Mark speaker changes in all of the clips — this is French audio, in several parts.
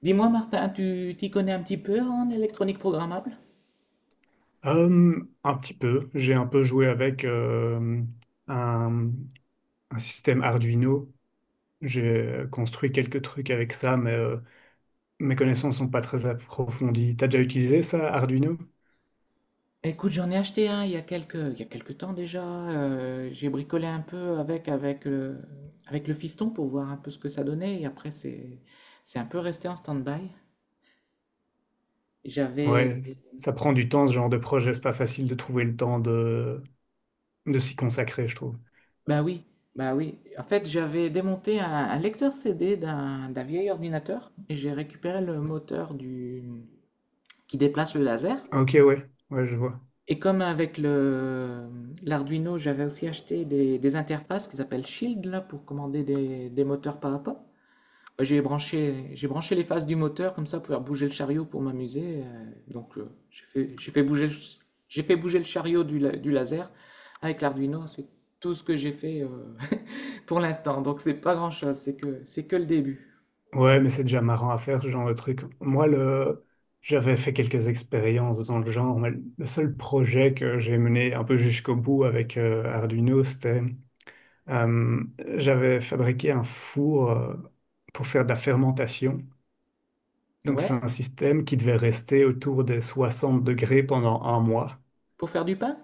Speaker 1: Dis-moi, Martin, tu t'y connais un petit peu en électronique programmable?
Speaker 2: Euh, un petit peu. J'ai un peu joué avec un, un système Arduino. J'ai construit quelques trucs avec ça, mais mes connaissances sont pas très approfondies. T'as déjà utilisé ça, Arduino?
Speaker 1: Écoute, j'en ai acheté un il y a quelques temps déjà. J'ai bricolé un peu avec avec le fiston pour voir un peu ce que ça donnait. Et après, c'est un peu resté en stand-by. J'avais.
Speaker 2: Ouais, ça prend du temps, ce genre de projet. C'est pas facile de trouver le temps de s'y consacrer, je trouve.
Speaker 1: Bah oui, bah oui. En fait, j'avais démonté un lecteur CD d'un vieil ordinateur. J'ai récupéré le moteur du, qui déplace le laser.
Speaker 2: Ok, ouais, ouais, je vois.
Speaker 1: Et comme avec le l'Arduino, j'avais aussi acheté des interfaces qui s'appellent Shield là pour commander des moteurs pas à pas. Bah, j'ai branché les phases du moteur comme ça pour faire bouger le chariot pour m'amuser. Donc j'ai fait bouger le chariot du laser avec l'Arduino. C'est tout ce que j'ai fait pour l'instant. Donc c'est pas grand-chose, c'est que le début.
Speaker 2: Ouais, mais c'est déjà marrant à faire ce genre de truc. Moi, le j'avais fait quelques expériences dans le genre, mais le seul projet que j'ai mené un peu jusqu'au bout avec Arduino, c'était euh, j'avais fabriqué un four pour faire de la fermentation. Donc, c'est
Speaker 1: Ouais,
Speaker 2: un système qui devait rester autour des 60 degrés pendant un mois.
Speaker 1: pour faire du pain?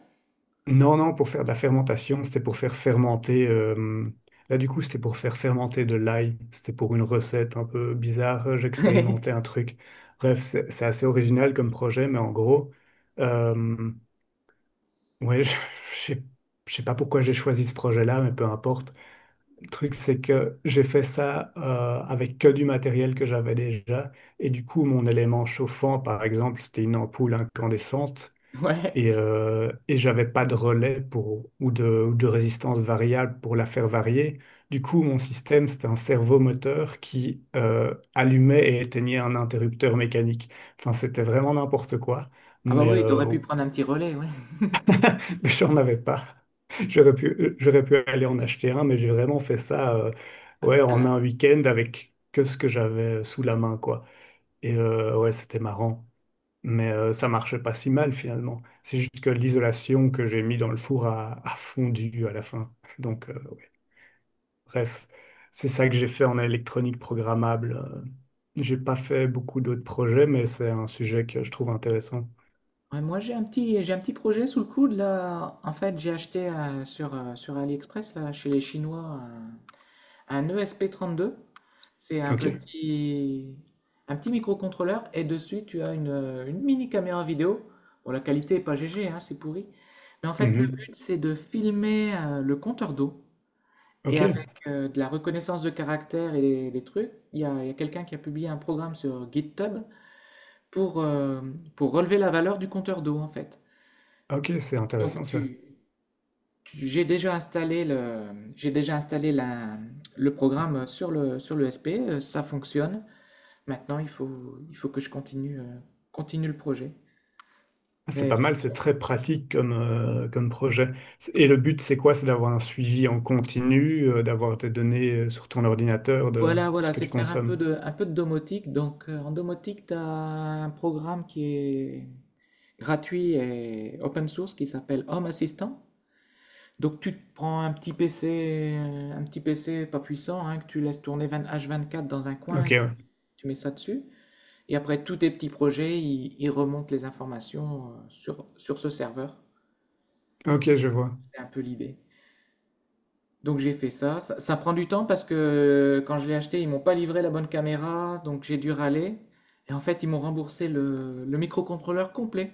Speaker 2: Non, non, pour faire de la fermentation, c'était pour faire fermenter. Là, du coup, c'était pour faire fermenter de l'ail. C'était pour une recette un peu bizarre. J'expérimentais un truc. Bref, c'est assez original comme projet, mais en gros, euh, ouais, je sais je sais pas pourquoi j'ai choisi ce projet-là, mais peu importe. Le truc, c'est que j'ai fait ça avec que du matériel que j'avais déjà. Et du coup, mon élément chauffant, par exemple, c'était une ampoule incandescente.
Speaker 1: Ouais.
Speaker 2: Et j'avais pas de relais pour, ou ou de résistance variable pour la faire varier. Du coup, mon système, c'était un servomoteur qui allumait et éteignait un interrupteur mécanique. Enfin, c'était vraiment n'importe quoi,
Speaker 1: Ah bah
Speaker 2: mais
Speaker 1: oui, t'aurais pu prendre un petit relais, ouais.
Speaker 2: j'en avais pas. J'aurais pu aller en acheter un, mais j'ai vraiment fait ça ouais, en un week-end avec que ce que j'avais sous la main, quoi. Et ouais, c'était marrant. Mais ça marchait pas si mal finalement. C'est juste que l'isolation que j'ai mis dans le four a fondu à la fin. Donc, ouais. Bref, c'est ça que j'ai fait en électronique programmable. J'ai pas fait beaucoup d'autres projets, mais c'est un sujet que je trouve intéressant.
Speaker 1: Ouais, moi, j'ai un petit projet sous le coude là. En fait, j'ai acheté sur sur AliExpress là, chez les Chinois un ESP32. C'est un
Speaker 2: Ok.
Speaker 1: petit, un petit microcontrôleur et dessus tu as une mini caméra vidéo. Bon, la qualité est pas GG, hein, c'est pourri. Mais en fait, le
Speaker 2: Mhm.
Speaker 1: but c'est de filmer le compteur d'eau et avec
Speaker 2: Ok.
Speaker 1: de la reconnaissance de caractères et des trucs. Il y a quelqu'un qui a publié un programme sur GitHub pour, euh, pour relever la valeur du compteur d'eau en fait.
Speaker 2: Ok, c'est intéressant
Speaker 1: Donc
Speaker 2: ça.
Speaker 1: tu, tu- j'ai déjà installé le, j'ai déjà installé la- le programme sur le SP, ça fonctionne. Maintenant, il faut que je continue, continue le projet.
Speaker 2: Ah, c'est
Speaker 1: Mais-
Speaker 2: pas
Speaker 1: mais
Speaker 2: mal, c'est très pratique comme, comme projet. Et le but, c'est quoi? C'est d'avoir un suivi en continu, d'avoir tes données sur ton ordinateur de
Speaker 1: voilà,
Speaker 2: ce
Speaker 1: voilà,
Speaker 2: que
Speaker 1: c'est
Speaker 2: tu
Speaker 1: de faire
Speaker 2: consommes.
Speaker 1: un peu de domotique. Donc en domotique, tu as un programme qui est gratuit et open source qui s'appelle Home Assistant. Donc tu te prends un petit PC, un petit PC pas puissant, hein, que tu laisses tourner 20 H24 dans un coin
Speaker 2: Ok,
Speaker 1: et
Speaker 2: ouais.
Speaker 1: tu mets ça dessus. Et après tous tes petits projets, ils remontent les informations sur ce serveur. Donc,
Speaker 2: Ok, je vois.
Speaker 1: c'est un peu l'idée. Donc, j'ai fait ça prend du temps parce que quand je l'ai acheté, ils m'ont pas livré la bonne caméra, donc j'ai dû râler. Et en fait, ils m'ont remboursé le microcontrôleur complet,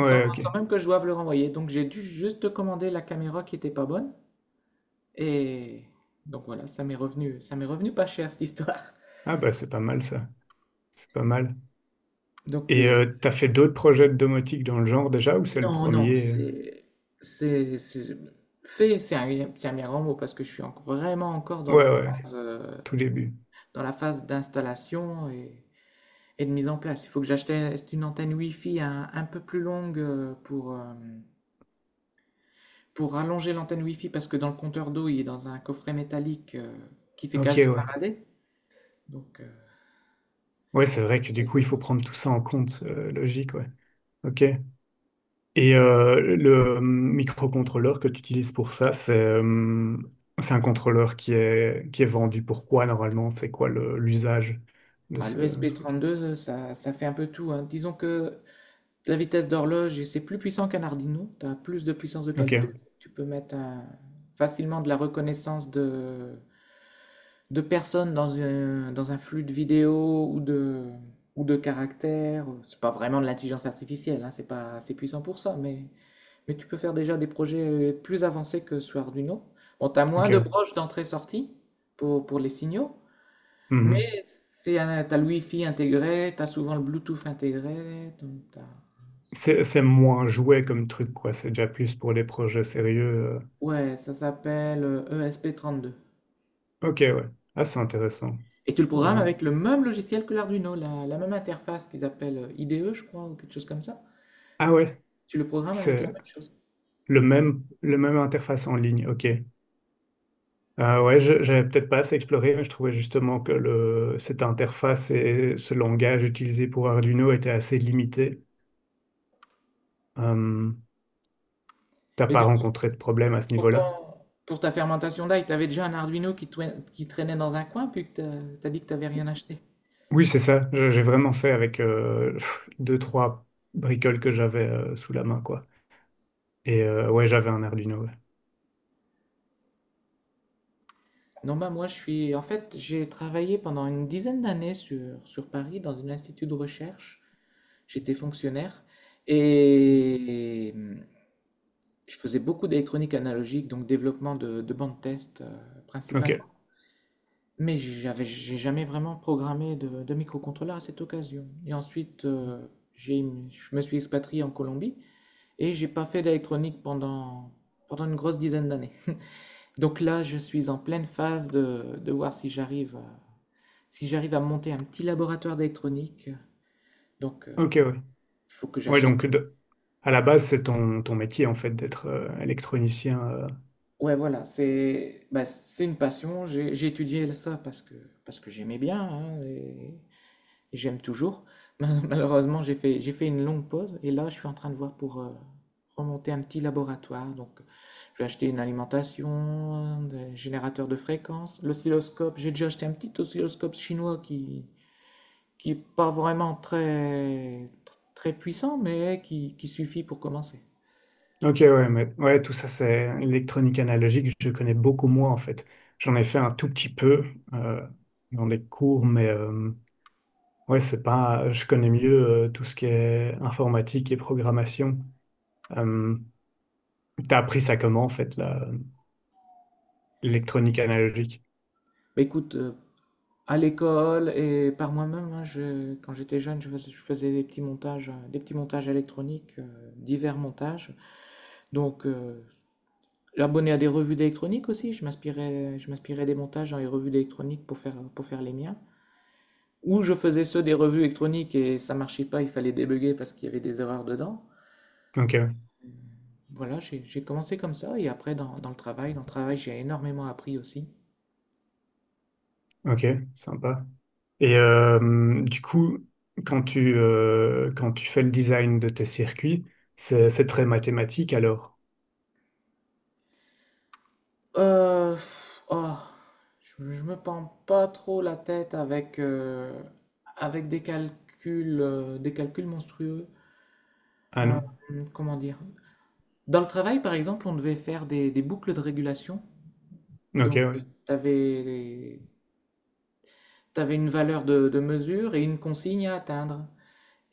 Speaker 2: ok.
Speaker 1: sans même que je doive le renvoyer. Donc, j'ai dû juste commander la caméra qui était pas bonne. Et donc voilà, ça m'est revenu pas cher cette histoire.
Speaker 2: Ah bah c'est pas mal ça. C'est pas mal.
Speaker 1: Donc
Speaker 2: Et
Speaker 1: le,
Speaker 2: t'as fait d'autres projets de domotique dans le genre déjà ou c'est le
Speaker 1: Non, non,
Speaker 2: premier?
Speaker 1: c'est, c'est, c'est- c'est un bien grand mot parce que vraiment encore
Speaker 2: Ouais, ouais, tout début.
Speaker 1: dans la phase d'installation et de mise en place. Il faut que j'achète une antenne Wi-Fi un peu plus longue pour allonger l'antenne Wi-Fi parce que dans le compteur d'eau, il est dans un coffret métallique qui fait
Speaker 2: Ok,
Speaker 1: cage de
Speaker 2: ouais.
Speaker 1: Faraday, donc euh,
Speaker 2: Ouais, c'est vrai que
Speaker 1: ça
Speaker 2: du
Speaker 1: ne le
Speaker 2: coup,
Speaker 1: fait
Speaker 2: il faut
Speaker 1: pas.
Speaker 2: prendre tout ça en compte, logique, ouais. Ok. Et le microcontrôleur que tu utilises pour ça, c'est un contrôleur qui est vendu pour quoi normalement? C'est quoi le l'usage de
Speaker 1: Ah,
Speaker 2: ce
Speaker 1: le
Speaker 2: truc?
Speaker 1: SP32, ça fait un peu tout, hein. Disons que la vitesse d'horloge, et c'est plus puissant qu'un Arduino. Tu as plus de puissance de
Speaker 2: Ok,
Speaker 1: calcul. Tu peux mettre un- Facilement de la reconnaissance de personnes dans un flux de vidéos ou de caractères. C'est pas vraiment de l'intelligence artificielle, hein, c'est pas assez puissant pour ça, mais tu peux faire déjà des projets plus avancés que sur Arduino. Bon, tu as moins de
Speaker 2: ok.
Speaker 1: broches d'entrée-sortie pour les signaux, mais
Speaker 2: Mhm.
Speaker 1: tu as le Wi-Fi intégré, tu as souvent le Bluetooth intégré, donc t'as-
Speaker 2: C'est moins jouet comme truc, quoi. C'est déjà plus pour les projets sérieux.
Speaker 1: ouais, ça s'appelle ESP32.
Speaker 2: Ok, ouais. Ah, c'est intéressant.
Speaker 1: Et tu
Speaker 2: Je
Speaker 1: le
Speaker 2: pourrais
Speaker 1: programmes
Speaker 2: même
Speaker 1: avec le même logiciel que l'Arduino, la même interface qu'ils appellent IDE, je crois, ou quelque chose comme ça.
Speaker 2: Ah ouais,
Speaker 1: Tu le programmes avec la
Speaker 2: c'est
Speaker 1: même chose.
Speaker 2: le même interface en ligne. Ok. Ah ouais, je j'avais peut-être pas assez exploré, mais je trouvais justement que le, cette interface et ce langage utilisé pour Arduino était assez limité. Euh, t'as
Speaker 1: Et
Speaker 2: pas
Speaker 1: du coup,
Speaker 2: rencontré de problème à ce
Speaker 1: pour,
Speaker 2: niveau-là?
Speaker 1: ton- pour ta fermentation d'ail, tu avais déjà un Arduino qui, qui traînait dans un coin, puis que tu as dit que tu n'avais rien acheté.
Speaker 2: Oui, c'est ça. Je j'ai vraiment fait avec pff, deux, trois bricoles que j'avais sous la main, quoi. Et ouais, j'avais un Arduino. Ouais.
Speaker 1: Non, bah moi, je suis. En fait, j'ai travaillé pendant une dizaine d'années sur Paris dans un institut de recherche. J'étais fonctionnaire. Et je faisais beaucoup d'électronique analogique, donc développement de bandes test principalement.
Speaker 2: Ok.
Speaker 1: Mais j'ai jamais vraiment programmé de microcontrôleur à cette occasion. Et ensuite, j'ai, je me suis expatrié en Colombie et j'ai pas fait d'électronique pendant une grosse dizaine d'années. Donc là, je suis en pleine phase de voir si j'arrive à monter un petit laboratoire d'électronique. Donc, il
Speaker 2: Ok, ouais.
Speaker 1: faut que
Speaker 2: Ouais,
Speaker 1: j'achète
Speaker 2: donc de à la base, c'est ton, ton métier en fait d'être électronicien.
Speaker 1: ouais, voilà, c'est une passion. J'ai étudié ça parce que j'aimais bien hein, et j'aime toujours. Malheureusement, j'ai fait une longue pause et là, je suis en train de voir pour remonter un petit laboratoire. Donc, je vais acheter une alimentation, des générateurs de fréquences, l'oscilloscope. J'ai déjà acheté un petit oscilloscope chinois qui est pas vraiment très, très puissant, mais qui suffit pour commencer.
Speaker 2: Ok, ouais, mais ouais, tout ça, c'est électronique analogique. Je connais beaucoup moins en fait. J'en ai fait un tout petit peu euh, dans des cours, mais ouais, c'est pas. Je connais mieux tout ce qui est informatique et programmation. Euh, t'as appris ça comment en fait là? Électronique analogique.
Speaker 1: Bah, écoute, à l'école et par moi-même, hein, quand j'étais jeune, je faisais des petits montages, euh, divers montages. Donc, abonné à des revues d'électronique aussi, je m'inspirais des montages dans les revues d'électronique pour faire les miens. Ou je faisais ceux des revues électroniques et ça marchait pas, il fallait débugger parce qu'il y avait des erreurs dedans.
Speaker 2: Ok,
Speaker 1: Euh, Voilà, j'ai commencé comme ça et après dans le travail j'ai énormément appris aussi.
Speaker 2: ok, sympa. Et du coup, quand tu fais le design de tes circuits, c'est très mathématique alors?
Speaker 1: Euh, pff, oh, je me pends pas trop la tête avec des calculs monstrueux.
Speaker 2: Ah non?
Speaker 1: Comment dire? Dans le travail, par exemple, on devait faire des boucles de régulation.
Speaker 2: Ok,
Speaker 1: Donc,
Speaker 2: ouais.
Speaker 1: tu avais, une valeur de mesure et une consigne à atteindre.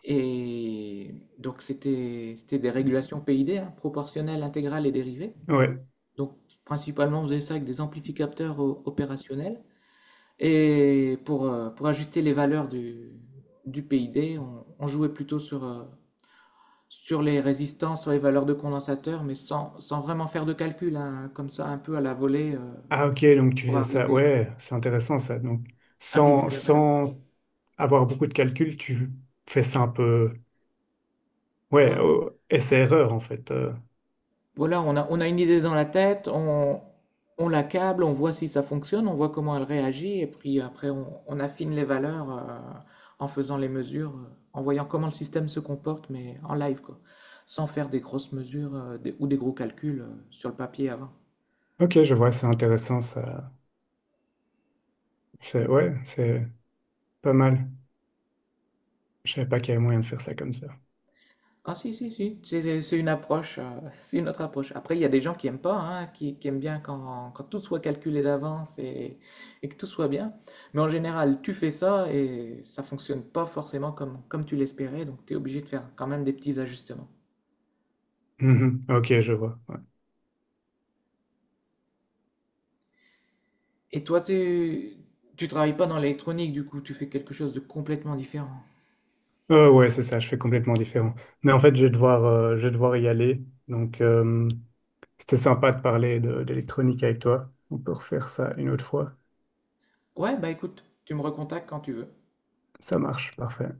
Speaker 1: Et donc, c'était des régulations PID, hein, proportionnelles, intégrales et dérivées.
Speaker 2: Ouais.
Speaker 1: Donc, principalement, on faisait ça avec des amplificateurs opérationnels. Et pour ajuster les valeurs du PID, on jouait plutôt sur, sur les résistances, sur les valeurs de condensateur, mais sans vraiment faire de calcul, hein, comme ça, un peu à la volée,
Speaker 2: Ah ok, donc tu
Speaker 1: pour
Speaker 2: faisais ça. Ouais, c'est intéressant ça. Donc,
Speaker 1: arriver
Speaker 2: sans,
Speaker 1: à la valeur.
Speaker 2: sans avoir beaucoup de calculs, tu fais ça un peu Ouais,
Speaker 1: Ouais,
Speaker 2: oh, essai-erreur en fait.
Speaker 1: voilà, on a une idée dans la tête, on l'accable, on voit si ça fonctionne, on voit comment elle réagit, et puis après, on affine les valeurs en faisant les mesures, en voyant comment le système se comporte, mais en live, quoi, sans faire des grosses mesures ou des gros calculs sur le papier avant.
Speaker 2: Ok, je vois, c'est intéressant ça. C'est Ouais, c'est pas mal. Je savais pas qu'il y avait moyen de faire ça comme ça.
Speaker 1: Ah si, si, si, c'est une approche, c'est une autre approche. Après, il y a des gens qui aiment pas, hein, qui aiment bien quand tout soit calculé d'avance et que tout soit bien. Mais en général, tu fais ça et ça fonctionne pas forcément comme tu l'espérais, donc tu es obligé de faire quand même des petits ajustements.
Speaker 2: Mhm. Ok, je vois. Ouais.
Speaker 1: Et toi, tu travailles pas dans l'électronique, du coup, tu fais quelque chose de complètement différent.
Speaker 2: Ouais, c'est ça, je fais complètement différent. Mais en fait, je vais devoir y aller. Donc, c'était sympa de parler de d'électronique avec toi. On peut refaire ça une autre fois.
Speaker 1: Ouais, bah écoute, tu me recontactes quand tu veux.
Speaker 2: Ça marche, parfait.